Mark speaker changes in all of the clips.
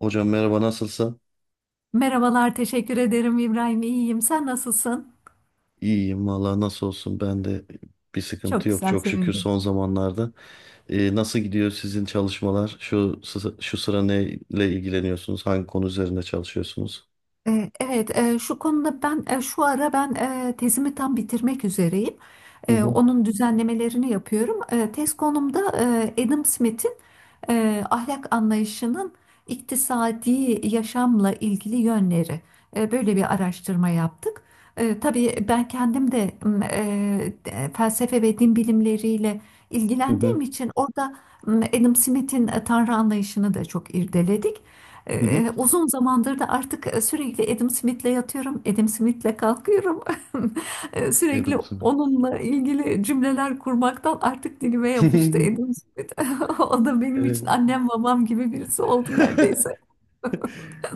Speaker 1: Hocam merhaba nasılsın?
Speaker 2: Merhabalar, teşekkür ederim İbrahim. İyiyim. Sen nasılsın?
Speaker 1: İyiyim valla nasıl olsun ben de bir sıkıntı
Speaker 2: Çok
Speaker 1: yok
Speaker 2: güzel,
Speaker 1: çok şükür
Speaker 2: sevindim.
Speaker 1: son zamanlarda. Nasıl gidiyor sizin çalışmalar? Şu sıra neyle ilgileniyorsunuz? Hangi konu üzerinde çalışıyorsunuz?
Speaker 2: Evet, şu konuda ben, şu ara ben tezimi tam bitirmek üzereyim.
Speaker 1: Hı hı.
Speaker 2: Onun düzenlemelerini yapıyorum. Tez konumda Adam Smith'in ahlak anlayışının iktisadi yaşamla ilgili yönleri. Böyle bir araştırma yaptık. Tabii ben kendim de felsefe ve din bilimleriyle
Speaker 1: Hı hı.
Speaker 2: ilgilendiğim için orada, Adam Smith'in Tanrı anlayışını da çok irdeledik.
Speaker 1: Hı. hı.
Speaker 2: Uzun zamandır da artık sürekli Adam Smith'le yatıyorum, Adam Smith'le kalkıyorum. Sürekli
Speaker 1: Adam Smith.
Speaker 2: onunla ilgili cümleler kurmaktan artık dilime yapıştı Adam Smith. O da benim
Speaker 1: Evet.
Speaker 2: için annem babam gibi birisi oldu neredeyse.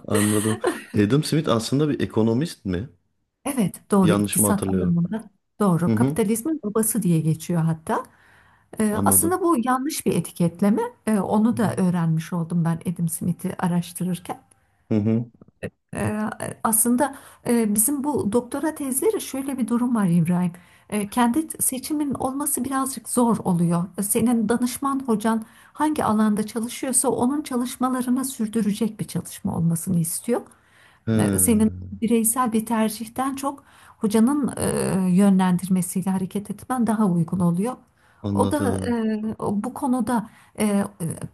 Speaker 1: Anladım. Adam Smith aslında bir ekonomist mi?
Speaker 2: Evet, doğru,
Speaker 1: Yanlış mı
Speaker 2: iktisat
Speaker 1: hatırlıyorum?
Speaker 2: alanında,
Speaker 1: Hı
Speaker 2: doğru,
Speaker 1: hı.
Speaker 2: kapitalizmin babası diye geçiyor hatta.
Speaker 1: Anladım.
Speaker 2: Aslında bu yanlış bir etiketleme.
Speaker 1: Hı
Speaker 2: Onu da
Speaker 1: hı.
Speaker 2: öğrenmiş oldum ben Adam Smith'i araştırırken.
Speaker 1: Hı hı.
Speaker 2: Ee, Aslında, bizim bu doktora tezleri şöyle bir durum var İbrahim. Kendi seçimin olması birazcık zor oluyor. Senin danışman hocan hangi alanda çalışıyorsa onun çalışmalarını sürdürecek bir çalışma olmasını istiyor. Senin
Speaker 1: He,
Speaker 2: bireysel bir tercihten çok hocanın yönlendirmesiyle hareket etmen daha uygun oluyor. O da,
Speaker 1: anladım.
Speaker 2: bu konuda e, e,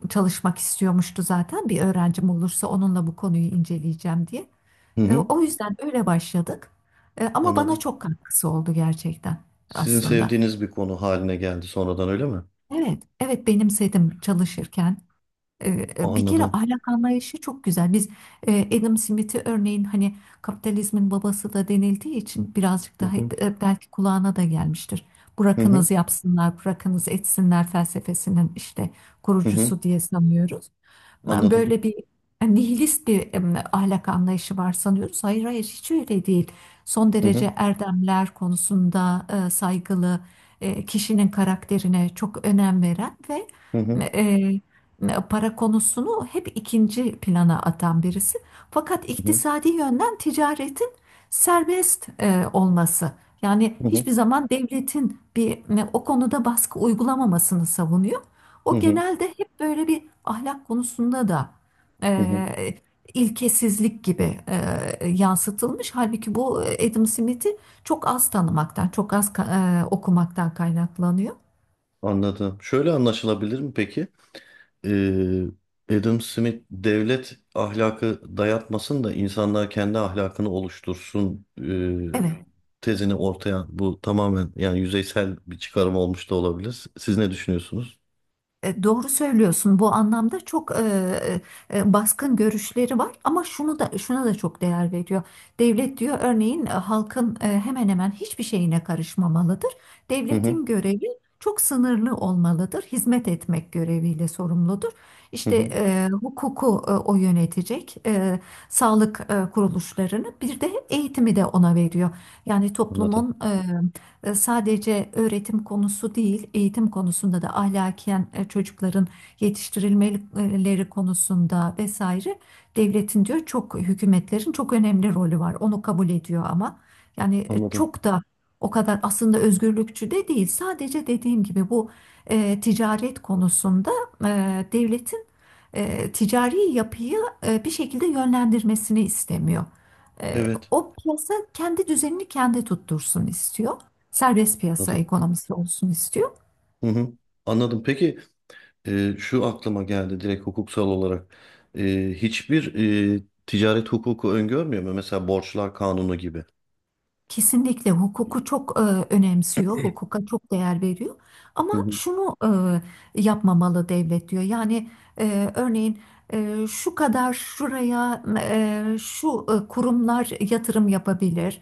Speaker 2: çalışmak istiyormuştu zaten. Bir öğrencim olursa onunla bu konuyu inceleyeceğim diye.
Speaker 1: Hı hı.
Speaker 2: O yüzden öyle başladık. Ama bana
Speaker 1: Anladım.
Speaker 2: çok katkısı oldu gerçekten
Speaker 1: Sizin
Speaker 2: aslında.
Speaker 1: sevdiğiniz bir konu haline geldi sonradan öyle mi?
Speaker 2: Evet, evet, benimsedim çalışırken. E, Bir kere
Speaker 1: Anladım.
Speaker 2: ahlak anlayışı çok güzel. Biz, Adam Smith'i örneğin, hani, kapitalizmin babası da denildiği için birazcık
Speaker 1: Hı
Speaker 2: daha,
Speaker 1: hı.
Speaker 2: belki kulağına da gelmiştir.
Speaker 1: Hı hı.
Speaker 2: Bırakınız yapsınlar, bırakınız etsinler felsefesinin işte
Speaker 1: Hı hı.
Speaker 2: kurucusu diye sanıyoruz.
Speaker 1: Anladım.
Speaker 2: Böyle bir nihilist bir, ahlak anlayışı var sanıyoruz. Hayır, hayır, hiç öyle değil. Son
Speaker 1: Hı hı.
Speaker 2: derece erdemler konusunda saygılı, kişinin karakterine çok önem veren ve
Speaker 1: Hı hı.
Speaker 2: e, para konusunu hep ikinci plana atan birisi. Fakat
Speaker 1: Hı hı.
Speaker 2: iktisadi yönden ticaretin serbest olması. Yani
Speaker 1: Hı hı.
Speaker 2: hiçbir zaman devletin o konuda baskı uygulamamasını savunuyor.
Speaker 1: Hı
Speaker 2: O
Speaker 1: hı.
Speaker 2: genelde hep böyle bir ahlak konusunda da
Speaker 1: Hı hı.
Speaker 2: e, ilkesizlik gibi yansıtılmış. Halbuki bu Adam Smith'i çok az tanımaktan, çok az okumaktan kaynaklanıyor.
Speaker 1: Anladım. Şöyle anlaşılabilir mi peki? Ee, Adam Smith devlet ahlakı dayatmasın da insanlar kendi ahlakını oluştursun,
Speaker 2: Evet.
Speaker 1: tezini ortaya bu tamamen yani yüzeysel bir çıkarım olmuş da olabilir. Siz ne düşünüyorsunuz?
Speaker 2: Doğru söylüyorsun. Bu anlamda çok baskın görüşleri var, ama şunu da şuna da çok değer veriyor. Devlet diyor örneğin, halkın hemen hemen hiçbir şeyine karışmamalıdır.
Speaker 1: Hı hı.
Speaker 2: Devletin görevi çok sınırlı olmalıdır. Hizmet etmek göreviyle sorumludur.
Speaker 1: Hı
Speaker 2: İşte
Speaker 1: hı.
Speaker 2: hukuku, o yönetecek, sağlık kuruluşlarını, bir de eğitimi de ona veriyor. Yani
Speaker 1: Anladım.
Speaker 2: toplumun sadece öğretim konusu değil, eğitim konusunda da ahlaken çocukların yetiştirilmeleri konusunda vesaire, devletin diyor, çok hükümetlerin çok önemli rolü var. Onu kabul ediyor ama, yani,
Speaker 1: Anladım.
Speaker 2: çok da o kadar aslında özgürlükçü de değil. Sadece dediğim gibi bu, ticaret konusunda, devletin ticari yapıyı bir şekilde yönlendirmesini istemiyor. E,
Speaker 1: Evet.
Speaker 2: O, piyasa kendi düzenini kendi tuttursun istiyor, serbest piyasa
Speaker 1: Anladım.
Speaker 2: ekonomisi olsun istiyor.
Speaker 1: Hı hı. Anladım. Peki. Şu aklıma geldi direkt hukuksal olarak. Hiçbir ticaret hukuku öngörmüyor mu? Mesela borçlar kanunu gibi.
Speaker 2: Kesinlikle hukuku çok önemsiyor, hukuka çok değer veriyor. Ama
Speaker 1: Hı hı,
Speaker 2: şunu yapmamalı devlet diyor. Yani, örneğin, şu kadar şuraya şu kurumlar yatırım yapabilir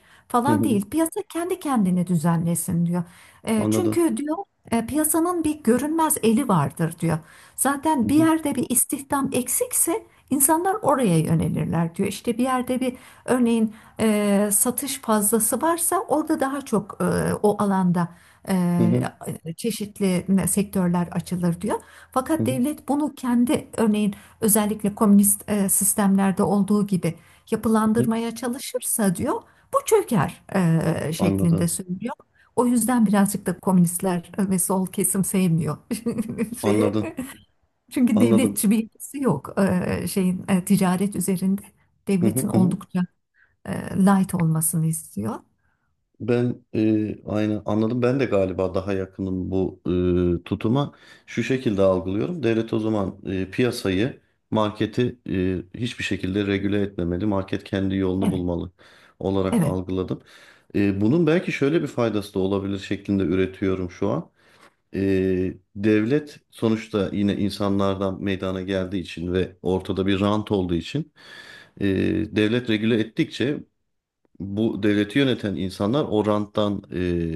Speaker 1: hı
Speaker 2: falan
Speaker 1: hı.
Speaker 2: değil. Piyasa kendi kendini düzenlesin diyor.
Speaker 1: Anladım.
Speaker 2: Çünkü diyor, piyasanın bir görünmez eli vardır diyor. Zaten
Speaker 1: Hı
Speaker 2: bir
Speaker 1: hı,
Speaker 2: yerde bir istihdam eksikse insanlar oraya yönelirler diyor. İşte bir yerde bir, örneğin, satış fazlası varsa orada daha çok, o alanda
Speaker 1: hı hı,
Speaker 2: çeşitli sektörler açılır diyor.
Speaker 1: hı
Speaker 2: Fakat
Speaker 1: hı,
Speaker 2: devlet bunu kendi, örneğin, özellikle komünist sistemlerde olduğu gibi
Speaker 1: hı hı.
Speaker 2: yapılandırmaya çalışırsa diyor, bu çöker şeklinde
Speaker 1: Anladım.
Speaker 2: söylüyor. O yüzden birazcık da komünistler ve sol kesim sevmiyor şeyi.
Speaker 1: Anladım.
Speaker 2: Çünkü
Speaker 1: Anladım.
Speaker 2: devletçi bir yapısı yok şeyin, ticaret üzerinde.
Speaker 1: Hı hı,
Speaker 2: Devletin
Speaker 1: hı hı.
Speaker 2: oldukça light olmasını istiyor.
Speaker 1: Ben aynı anladım. Ben de galiba daha yakınım bu tutuma. Şu şekilde algılıyorum. Devlet o zaman piyasayı, marketi hiçbir şekilde regüle etmemeli. Market kendi yolunu
Speaker 2: Evet,
Speaker 1: bulmalı olarak
Speaker 2: evet,
Speaker 1: algıladım. Bunun belki şöyle bir faydası da olabilir şeklinde üretiyorum şu an. Devlet sonuçta yine insanlardan meydana geldiği için ve ortada bir rant olduğu için e, devlet regüle ettikçe bu devleti yöneten insanlar o ranttan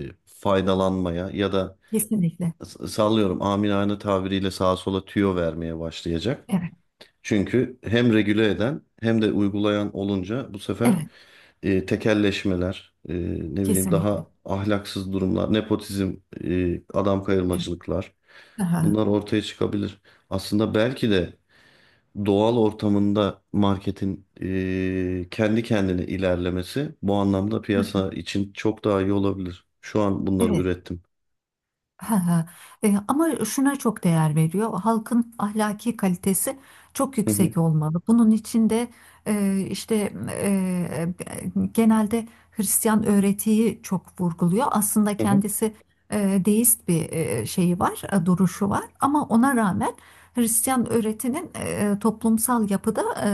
Speaker 1: faydalanmaya ya da
Speaker 2: kesinlikle.
Speaker 1: sallıyorum amiyane tabiriyle sağa sola tüyo vermeye başlayacak.
Speaker 2: Evet,
Speaker 1: Çünkü hem regüle eden hem de uygulayan olunca bu sefer
Speaker 2: evet,
Speaker 1: tekelleşmeler, ne bileyim
Speaker 2: kesinlikle.
Speaker 1: daha ahlaksız durumlar, nepotizm, adam
Speaker 2: Evet.
Speaker 1: kayırmacılıklar
Speaker 2: Aha.
Speaker 1: bunlar ortaya çıkabilir. Aslında belki de doğal ortamında marketin kendi kendine ilerlemesi bu anlamda piyasa için çok daha iyi olabilir. Şu an bunları
Speaker 2: Evet.
Speaker 1: ürettim.
Speaker 2: Ha, ha. Ama şuna çok değer veriyor. Halkın ahlaki kalitesi çok
Speaker 1: Hı hı,
Speaker 2: yüksek olmalı. Bunun için de, işte, genelde Hristiyan öğretiyi çok vurguluyor. Aslında
Speaker 1: hı hı.
Speaker 2: kendisi deist bir şeyi var, duruşu var. Ama ona rağmen Hristiyan öğretinin toplumsal yapıda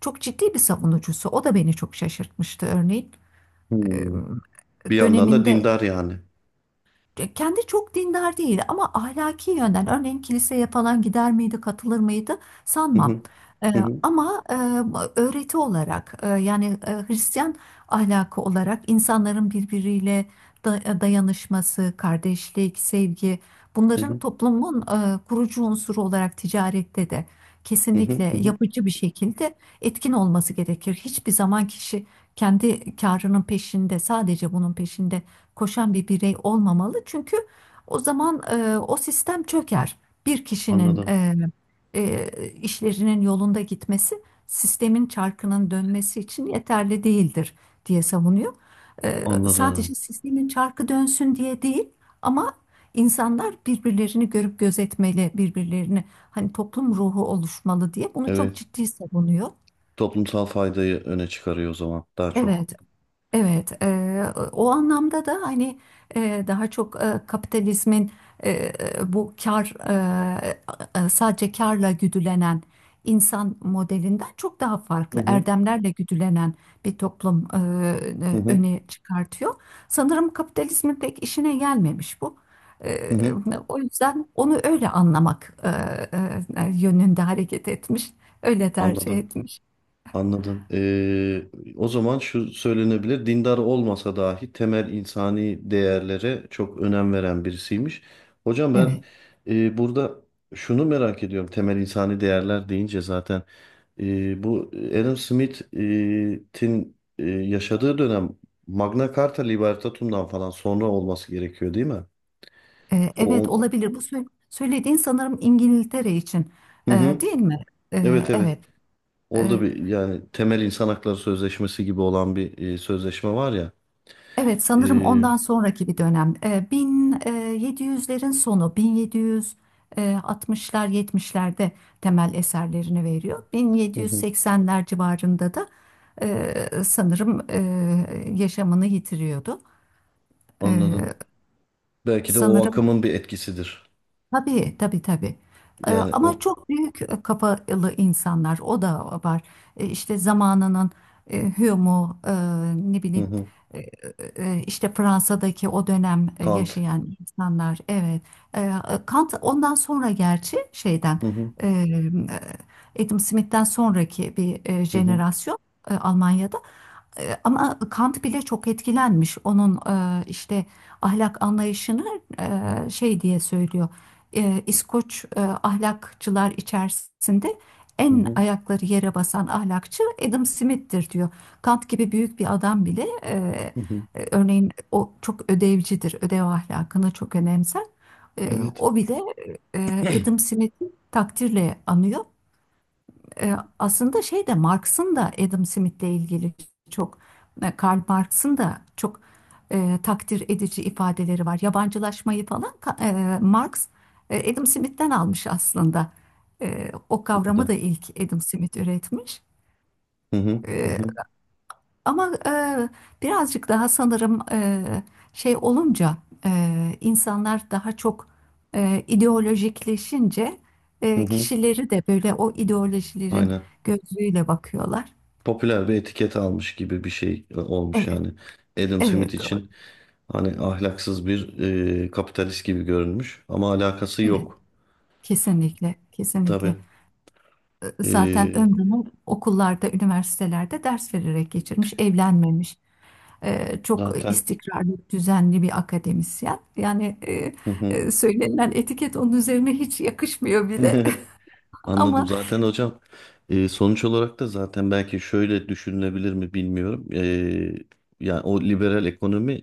Speaker 2: çok ciddi bir savunucusu. O da beni çok şaşırtmıştı örneğin. E,
Speaker 1: Hmm. Bir yandan da
Speaker 2: Döneminde,
Speaker 1: dindar yani.
Speaker 2: kendi çok dindar değil, ama ahlaki yönden örneğin kiliseye falan gider miydi, katılır mıydı
Speaker 1: Hı
Speaker 2: sanmam.
Speaker 1: hı,
Speaker 2: Ee,
Speaker 1: hı hı,
Speaker 2: Ama öğreti olarak, yani Hristiyan ahlakı olarak, insanların birbiriyle dayanışması, kardeşlik, sevgi,
Speaker 1: hı
Speaker 2: bunların
Speaker 1: hı,
Speaker 2: toplumun kurucu unsuru olarak ticarette de
Speaker 1: hı hı, hı
Speaker 2: kesinlikle
Speaker 1: hı.
Speaker 2: yapıcı bir şekilde etkin olması gerekir. Hiçbir zaman kişi kendi karının peşinde, sadece bunun peşinde koşan bir birey olmamalı. Çünkü o zaman o sistem çöker. Bir kişinin
Speaker 1: Anladım,
Speaker 2: işlerinin yolunda gitmesi, sistemin çarkının dönmesi için yeterli değildir diye savunuyor.
Speaker 1: anladım.
Speaker 2: Sadece sistemin çarkı dönsün diye değil, ama insanlar birbirlerini görüp gözetmeli, birbirlerini, hani, toplum ruhu oluşmalı diye, bunu çok
Speaker 1: Evet,
Speaker 2: ciddi savunuyor.
Speaker 1: toplumsal faydayı öne çıkarıyor o zaman daha çok.
Speaker 2: Evet. Evet, o anlamda da, hani, daha çok kapitalizmin, eee, bu kar sadece karla güdülenen insan modelinden çok daha
Speaker 1: Hı
Speaker 2: farklı
Speaker 1: hı,
Speaker 2: erdemlerle güdülenen bir toplum
Speaker 1: hı hı,
Speaker 2: öne çıkartıyor. Sanırım kapitalizmin pek işine gelmemiş bu.
Speaker 1: hı
Speaker 2: Eee,
Speaker 1: hı.
Speaker 2: O yüzden onu öyle anlamak yönünde hareket etmiş, öyle tercih
Speaker 1: Anladım.
Speaker 2: etmiş.
Speaker 1: Anladım. O zaman şu söylenebilir, dindar olmasa dahi temel insani değerlere çok önem veren birisiymiş. Hocam ben
Speaker 2: Evet.
Speaker 1: burada şunu merak ediyorum, temel insani değerler deyince zaten bu Adam Smith'in yaşadığı dönem Magna Carta Libertatum'dan falan sonra olması gerekiyor değil mi? O,
Speaker 2: Evet,
Speaker 1: o-
Speaker 2: olabilir. Bu söylediğin sanırım İngiltere için,
Speaker 1: hı hı.
Speaker 2: değil mi?
Speaker 1: Evet, evet.
Speaker 2: Evet.
Speaker 1: Orada
Speaker 2: E,
Speaker 1: bir yani temel insan hakları sözleşmesi gibi olan bir sözleşme var ya.
Speaker 2: evet, sanırım
Speaker 1: e,
Speaker 2: ondan sonraki bir dönem. 1700'lerin sonu, 1760'lar, 70'lerde temel eserlerini veriyor.
Speaker 1: Hı hı.
Speaker 2: 1780'ler civarında da, sanırım, yaşamını yitiriyordu. E,
Speaker 1: Anladım. Belki de o
Speaker 2: Sanırım.
Speaker 1: akımın bir etkisidir.
Speaker 2: Tabii, tabii, tabii.
Speaker 1: Yani
Speaker 2: Ama
Speaker 1: o.
Speaker 2: çok büyük kafalı insanlar, o da var. İşte zamanının Hume'u, ne
Speaker 1: Hı
Speaker 2: bileyim,
Speaker 1: hı.
Speaker 2: e, işte Fransa'daki o dönem
Speaker 1: Kant.
Speaker 2: yaşayan insanlar, evet. Ee, Kant ondan sonra, gerçi şeyden,
Speaker 1: Hı hı.
Speaker 2: e, Adam Smith'ten sonraki bir
Speaker 1: Hı hı.
Speaker 2: jenerasyon, Almanya'da. Ama Kant bile çok etkilenmiş. Onun işte ahlak anlayışını, şey diye söylüyor, İskoç ahlakçılar içerisinde
Speaker 1: Hı
Speaker 2: en
Speaker 1: hı.
Speaker 2: ayakları yere basan ahlakçı Adam Smith'tir diyor. Kant gibi büyük bir adam bile
Speaker 1: Hı hı.
Speaker 2: örneğin o çok ödevcidir, ödev ahlakını çok önemser. E,
Speaker 1: Evet.
Speaker 2: O bile Adam Smith'i takdirle anıyor. Aslında şey de Marx'ın da Adam Smith'le ilgili çok, Karl Marx'ın da çok, takdir edici ifadeleri var. Yabancılaşmayı falan Marx, Adam Smith'ten almış aslında. O
Speaker 1: Bu
Speaker 2: kavramı
Speaker 1: da.
Speaker 2: da ilk Adam Smith üretmiş.
Speaker 1: Hı hı. Hı hı.
Speaker 2: Ama, birazcık daha sanırım, şey olunca, insanlar daha çok ideolojikleşince,
Speaker 1: Hı hı.
Speaker 2: kişileri de böyle o ideolojilerin
Speaker 1: Aynen.
Speaker 2: gözüyle bakıyorlar.
Speaker 1: Popüler bir etiket almış gibi bir şey olmuş
Speaker 2: Evet,
Speaker 1: yani. Adam Smith
Speaker 2: evet, doğru.
Speaker 1: için hani ahlaksız bir kapitalist gibi görünmüş ama alakası
Speaker 2: Evet,
Speaker 1: yok.
Speaker 2: kesinlikle, kesinlikle.
Speaker 1: Tabii.
Speaker 2: Zaten
Speaker 1: E,
Speaker 2: ömrünü okullarda, üniversitelerde ders vererek geçirmiş, evlenmemiş. Çok
Speaker 1: Zaten.
Speaker 2: istikrarlı, düzenli bir akademisyen. Yani
Speaker 1: Hı hı.
Speaker 2: söylenilen etiket onun üzerine hiç yakışmıyor bile.
Speaker 1: Anladım.
Speaker 2: Ama
Speaker 1: Zaten hocam sonuç olarak da zaten belki şöyle düşünülebilir mi bilmiyorum. Yani o liberal ekonomi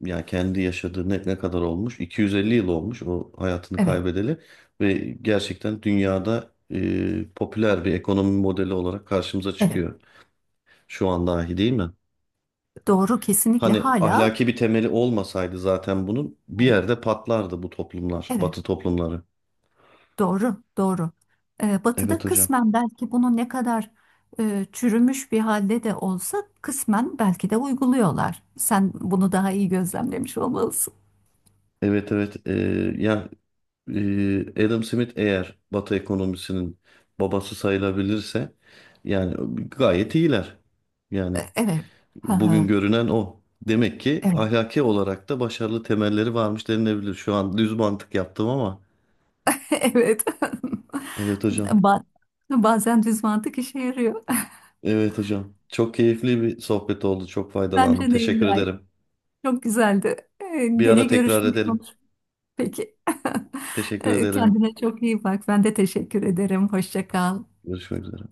Speaker 1: yani kendi yaşadığı ne kadar olmuş? 250 yıl olmuş o hayatını
Speaker 2: evet,
Speaker 1: kaybedeli ve gerçekten dünyada popüler bir ekonomi modeli olarak karşımıza
Speaker 2: evet.
Speaker 1: çıkıyor şu an dahi değil mi?
Speaker 2: Doğru, kesinlikle,
Speaker 1: Hani
Speaker 2: hala
Speaker 1: ahlaki bir temeli olmasaydı zaten bunun bir
Speaker 2: evet,
Speaker 1: yerde patlardı bu toplumlar,
Speaker 2: evet.
Speaker 1: Batı toplumları.
Speaker 2: Doğru, doğru.
Speaker 1: Evet
Speaker 2: Batı'da
Speaker 1: hocam.
Speaker 2: kısmen, belki bunu ne kadar çürümüş bir halde de olsa, kısmen belki de uyguluyorlar. Sen bunu daha iyi gözlemlemiş olmalısın.
Speaker 1: Evet, evet. Ya Adam Smith eğer Batı ekonomisinin babası sayılabilirse yani gayet iyiler. Yani
Speaker 2: Evet. Ha,
Speaker 1: bugün
Speaker 2: ha.
Speaker 1: görünen o. Demek ki
Speaker 2: Evet.
Speaker 1: ahlaki olarak da başarılı temelleri varmış denilebilir. Şu an düz mantık yaptım ama.
Speaker 2: Evet.
Speaker 1: Evet hocam.
Speaker 2: Ba- Bazen düz mantık işe yarıyor.
Speaker 1: Evet hocam. Çok keyifli bir sohbet oldu. Çok faydalandım.
Speaker 2: Bence de
Speaker 1: Teşekkür
Speaker 2: İbrahim.
Speaker 1: ederim.
Speaker 2: Çok güzeldi.
Speaker 1: Bir
Speaker 2: Gene
Speaker 1: ara tekrar
Speaker 2: görüşmek,
Speaker 1: edelim.
Speaker 2: Peki.
Speaker 1: Teşekkür ederim.
Speaker 2: Kendine çok iyi bak. Ben de teşekkür ederim. Hoşça kal.
Speaker 1: Görüşmek üzere.